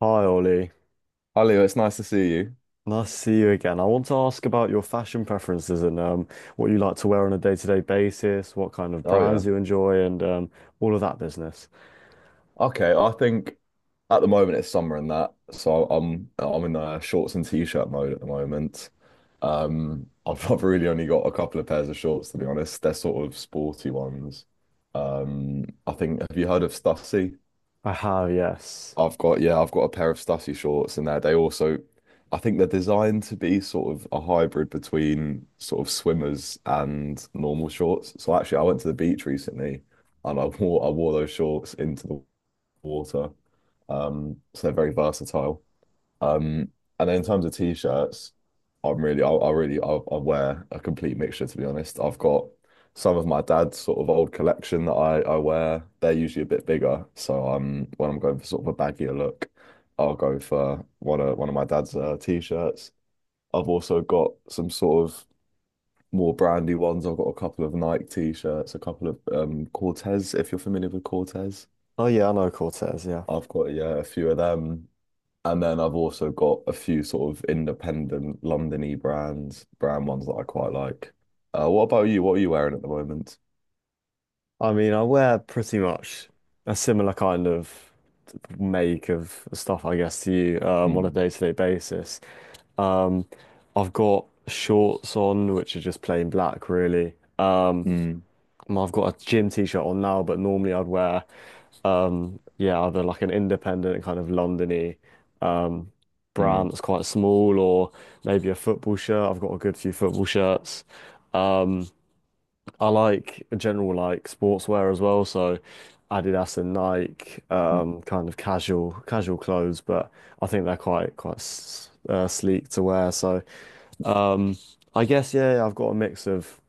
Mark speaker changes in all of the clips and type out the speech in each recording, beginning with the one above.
Speaker 1: Hi Ollie,
Speaker 2: Hi Leo, it's nice to see you.
Speaker 1: nice to see you again. I want to ask about your fashion preferences and what you like to wear on a day-to-day basis, what kind of
Speaker 2: Oh yeah.
Speaker 1: brands you enjoy, and all of that business.
Speaker 2: Okay, I think at the moment it's summer and that, so I'm in shorts and t-shirt mode at the moment. I've really only got a couple of pairs of shorts to be honest. They're sort of sporty ones. I think, have you heard of Stussy?
Speaker 1: I have, yes.
Speaker 2: I've got, yeah, I've got a pair of Stussy shorts and that they also, I think they're designed to be sort of a hybrid between sort of swimmers and normal shorts. So actually, I went to the beach recently and I wore those shorts into the water. So they're very versatile. Um, and then in terms of t-shirts, I'm really, I really, I, wear a complete mixture to be honest. I've got some of my dad's sort of old collection that I wear. They're usually a bit bigger, so when I'm going for sort of a baggier look, I'll go for one of my dad's t-shirts. I've also got some sort of more brandy ones. I've got a couple of Nike t-shirts, a couple of Cortez, if you're familiar with Cortez.
Speaker 1: Oh yeah, I know Cortez. Yeah,
Speaker 2: I've got, yeah, a few of them. And then I've also got a few sort of independent Londony brand ones that I quite like. What about you? What are you wearing at the moment?
Speaker 1: I mean, I wear pretty much a similar kind of make of stuff, I guess, to you on a
Speaker 2: Mm,
Speaker 1: day-to-day basis. Um, I've got shorts on, which are just plain black, really.
Speaker 2: mm,
Speaker 1: I've got a gym t-shirt on now, but normally I'd wear, yeah, either like an independent kind of Londony, um,
Speaker 2: mm,
Speaker 1: brand that's quite small, or maybe a football shirt. I've got a good few football shirts. Um, I like a general like sportswear as well, so Adidas and Nike, kind of casual clothes, but I think they're quite sleek to wear. So um, I guess yeah, I've got a mix of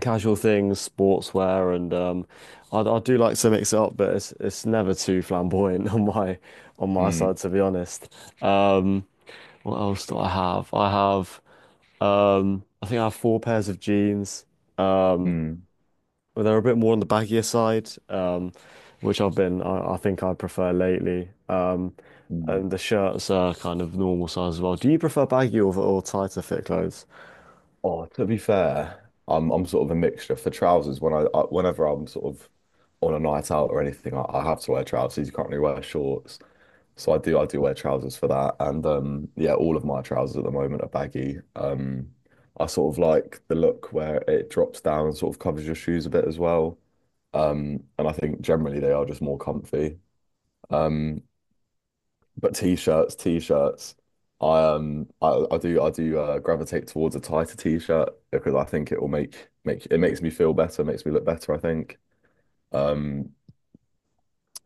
Speaker 1: casual things, sportswear, and I do like to mix it up, but it's never too flamboyant on my
Speaker 2: mm,
Speaker 1: side, to be honest. Um, what else do I have? I have I think I have four pairs of jeans. Um,
Speaker 2: mm,
Speaker 1: but they're a bit more on the baggier side, um, which I think I prefer lately.
Speaker 2: mm.
Speaker 1: And the shirts are kind of normal size as well. Do you prefer baggy or tighter fit clothes?
Speaker 2: Oh, to be fair, I'm sort of a mixture for trousers. Whenever I'm sort of on a night out or anything, I have to wear trousers. You can't really wear shorts. So I do wear trousers for that. And yeah, all of my trousers at the moment are baggy. I sort of like the look where it drops down and sort of covers your shoes a bit as well. And I think generally they are just more comfy. Um but t-shirts, t-shirts. I I do gravitate towards a tighter t-shirt because I think it will makes me feel better, makes me look better, I think. Um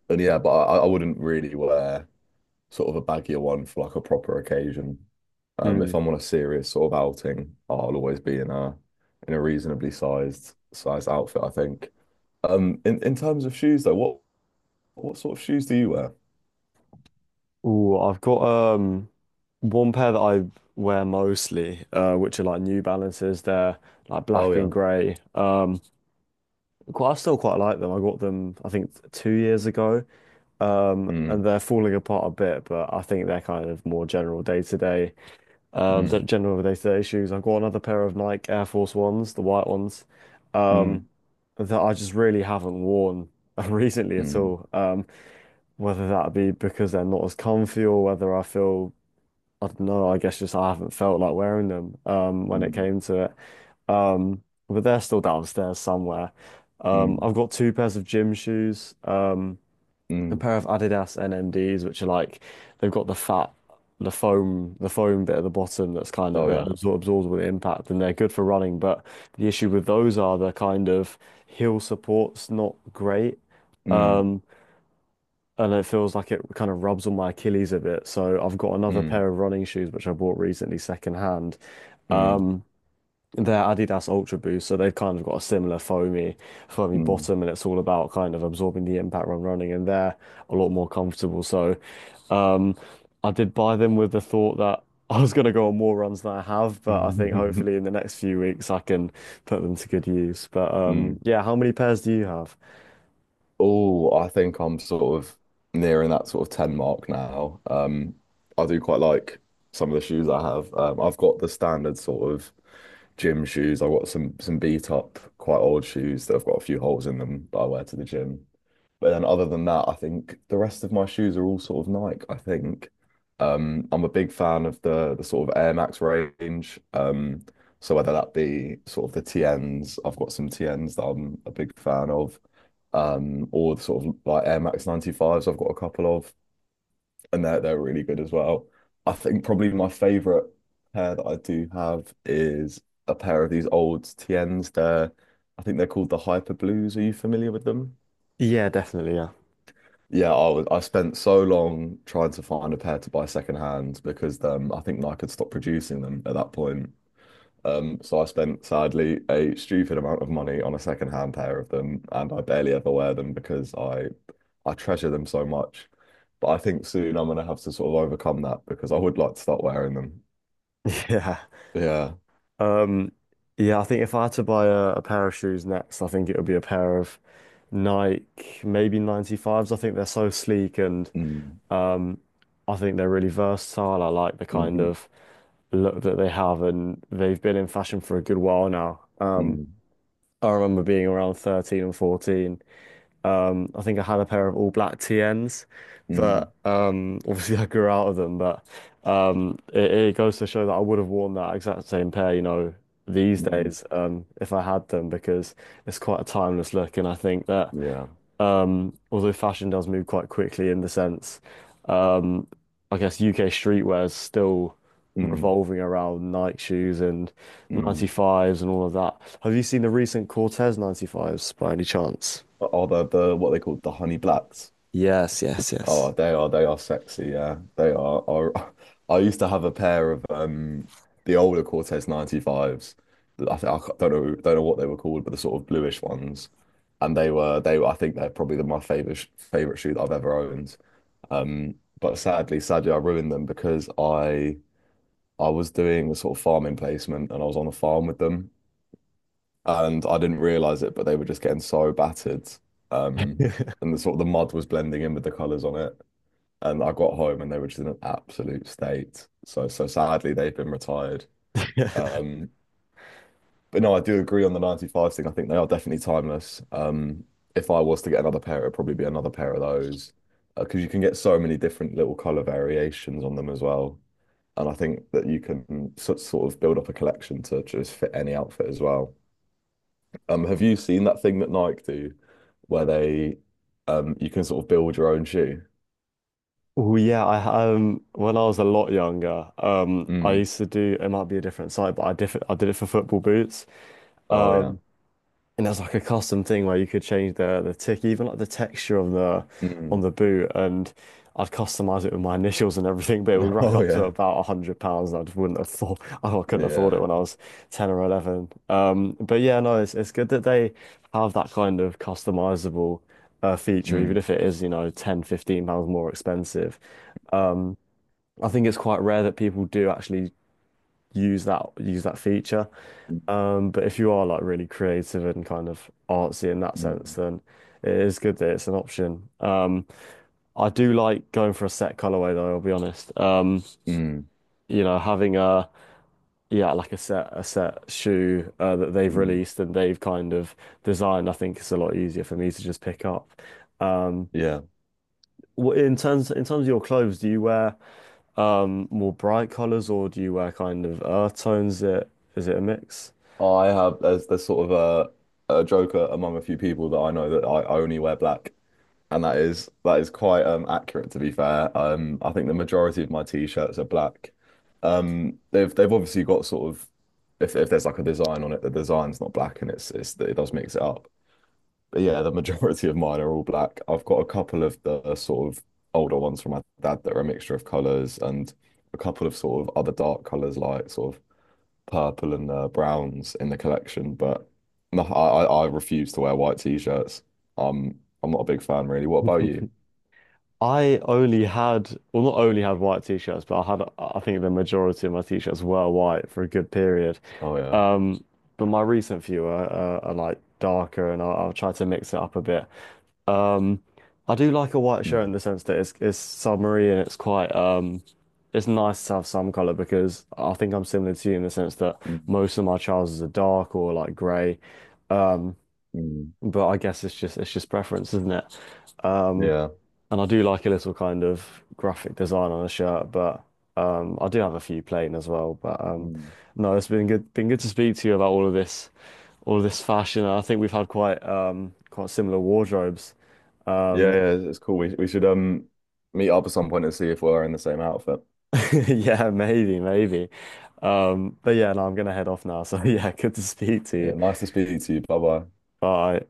Speaker 2: and yeah, but I wouldn't really wear sort of a baggier one for like a proper occasion. If I'm on a serious sort of outing, I'll always be in a reasonably sized outfit, I think. In terms of shoes though, what sort of shoes do you wear?
Speaker 1: Ooh, I've got um one pair that I wear mostly, which are like New Balances. They're like
Speaker 2: Oh
Speaker 1: black
Speaker 2: yeah.
Speaker 1: and grey. Quite, I still quite like them. I got them, I think, 2 years ago.
Speaker 2: Mm,
Speaker 1: And they're falling apart a bit, but I think they're kind of more general day to day, the
Speaker 2: mm,
Speaker 1: general day to day shoes. I've got another pair of Nike Air Force Ones, the white ones, um,
Speaker 2: mm,
Speaker 1: that I just really haven't worn recently at
Speaker 2: mm,
Speaker 1: all. Whether that be because they're not as comfy or whether I feel I don't know, I guess just I haven't felt like wearing them when it
Speaker 2: mm,
Speaker 1: came to it. Um but they're still downstairs somewhere.
Speaker 2: mm,
Speaker 1: I've got two pairs of gym shoes, a
Speaker 2: mm.
Speaker 1: pair of Adidas NMDs which are like they've got the fat the foam bit at the bottom that's kind of
Speaker 2: Oh
Speaker 1: that
Speaker 2: yeah.
Speaker 1: absorbs all the impact and they're good for running, but the issue with those are the kind of heel support's not great.
Speaker 2: Mm,
Speaker 1: Um and it feels like it kind of rubs on my Achilles a bit. So I've got another
Speaker 2: mm,
Speaker 1: pair of running shoes which I bought recently secondhand. Um, they're Adidas Ultra Boost, so they've kind of got a similar foamy
Speaker 2: mm, mm.
Speaker 1: bottom, and it's all about kind of absorbing the impact when running, and they're a lot more comfortable. So, um, I did buy them with the thought that I was going to go on more runs than I have, but I think hopefully in the next few weeks I can put them to good use. But
Speaker 2: Mm.
Speaker 1: yeah, how many pairs do you have?
Speaker 2: Oh, I think I'm sort of nearing that sort of 10 mark now. I do quite like some of the shoes I have. I've got the standard sort of gym shoes. I've got some beat up, quite old shoes that have got a few holes in them that I wear to the gym. But then other than that, I think the rest of my shoes are all sort of Nike, I think. I'm a big fan of the sort of Air Max range. So whether that be sort of the TNs, I've got some TNs that I'm a big fan of. Or the sort of like Air Max 95s I've got a couple of, and they're really good as well. I think probably my favorite pair that I do have is a pair of these old TNs. They're, I think they're called the Hyper Blues. Are you familiar with them?
Speaker 1: Yeah, definitely. Yeah,
Speaker 2: Yeah, I was, I spent so long trying to find a pair to buy secondhand because I think Nike had stopped producing them at that point. So I spent sadly a stupid amount of money on a secondhand pair of them, and I barely ever wear them because I treasure them so much. But I think soon I'm gonna have to sort of overcome that because I would like to start wearing them.
Speaker 1: yeah.
Speaker 2: Yeah.
Speaker 1: Um, yeah, I think if I had to buy a pair of shoes next, I think it would be a pair of Nike, maybe 95s. I think they're so sleek and
Speaker 2: Mm,
Speaker 1: um, I think they're really versatile. I like the kind
Speaker 2: mhm,
Speaker 1: of look that they have, and they've been in fashion for a good while now.
Speaker 2: mm,
Speaker 1: I remember being around 13 and 14. I think I had a pair of all black TNs,
Speaker 2: mm,
Speaker 1: but obviously I grew out of them. But it goes to show that I would have worn that exact same pair, you know, these
Speaker 2: mm,
Speaker 1: days if I had them because it's quite a timeless look. And I think that
Speaker 2: yeah.
Speaker 1: although fashion does move quite quickly in the sense, um, I guess UK streetwear is still
Speaker 2: Mm,
Speaker 1: revolving around Nike shoes and
Speaker 2: mm.
Speaker 1: 95s and all of that. Have you seen the recent Cortez 95s by any chance?
Speaker 2: Are the what they call the honey blacks?
Speaker 1: Yes, yes,
Speaker 2: Oh,
Speaker 1: yes.
Speaker 2: they are sexy, yeah. They are. I used to have a pair of the older Cortez 95s. I, th- I ca- don't know what they were called, but the sort of bluish ones. And they were, I think they're probably my favorite shoe that I've ever owned. But sadly I ruined them because I was doing a sort of farming placement and I was on a farm with them and I didn't realize it, but they were just getting so battered. Um and the sort of the mud was blending in with the colors on it and I got home and they were just in an absolute state. So sadly they've been retired. Um, but no, I do agree on the 95s thing. I think they are definitely timeless. If I was to get another pair, it'd probably be another pair of those. Because you can get so many different little color variations on them as well. And I think that you can sort of build up a collection to just fit any outfit as well. Have you seen that thing that Nike do where they you can sort of build your own shoe?
Speaker 1: Oh yeah, I when I was a lot younger, I
Speaker 2: Mm.
Speaker 1: used to do it might be a different site, but I did it for football boots.
Speaker 2: Oh yeah.
Speaker 1: Um, And there's like a custom thing where you could change the tick, even like the texture on the on
Speaker 2: Mm.
Speaker 1: the boot, and I'd customize it with my initials and everything, but it would rack
Speaker 2: Oh
Speaker 1: up to
Speaker 2: yeah.
Speaker 1: about £100, and I just wouldn't afford. I couldn't afford it
Speaker 2: Yeah.
Speaker 1: when I was 10 or 11. But yeah, no, it's good that they have that kind of customizable feature, even
Speaker 2: Mm,
Speaker 1: if it is, you know, £10-15 more expensive. Um, I think it's quite rare that people do actually use that feature.
Speaker 2: mm,
Speaker 1: But if you are like really creative and kind of artsy in that sense,
Speaker 2: mm,
Speaker 1: then it is good that it's an option. I do like going for a set colorway though, I'll be honest.
Speaker 2: mm,
Speaker 1: You know, having a yeah, like a set shoe that they've
Speaker 2: mm.
Speaker 1: released and they've kind of designed, I think it's a lot easier for me to just pick up. Um,
Speaker 2: Yeah.
Speaker 1: in terms of your clothes, do you wear more bright colors or do you wear kind of earth tones? Is it a mix?
Speaker 2: I have, there's sort of a joker among a few people that I know that I only wear black. And that is quite accurate to be fair. I think the majority of my t-shirts are black. They've obviously got sort of, if there's like a design on it, the design's not black and it's, it does mix it up. But yeah, the majority of mine are all black. I've got a couple of the sort of older ones from my dad that are a mixture of colours, and a couple of sort of other dark colours like sort of purple and browns in the collection. But no, I refuse to wear white t-shirts. I'm not a big fan really. What about you?
Speaker 1: I only had, well, not only had white t-shirts, but I had, I think the majority of my t-shirts were white for a good period.
Speaker 2: Oh yeah.
Speaker 1: Um, but my recent few are like darker, and I'll try to mix it up a bit. Um, I do like a white shirt in
Speaker 2: Mm,
Speaker 1: the sense that it's summery and it's quite it's nice to have some color because I think I'm similar to you in the sense that
Speaker 2: mm,
Speaker 1: most of my trousers are dark or like grey. Um,
Speaker 2: mm.
Speaker 1: but I guess it's just preference, isn't it? Um,
Speaker 2: Yeah.
Speaker 1: and I do like a little kind of graphic design on a shirt, but I do have a few plain as well. But
Speaker 2: Mm.
Speaker 1: no, been good to speak to you about all of this fashion. And I think we've had quite quite similar wardrobes.
Speaker 2: Yeah,
Speaker 1: Um,
Speaker 2: yeah, it's cool. We should meet up at some point and see if we're in the same outfit.
Speaker 1: yeah, maybe, maybe. But yeah, no, I'm gonna head off now. So yeah, good to speak to
Speaker 2: Yeah,
Speaker 1: you.
Speaker 2: nice to speak to you. Bye bye.
Speaker 1: Bye.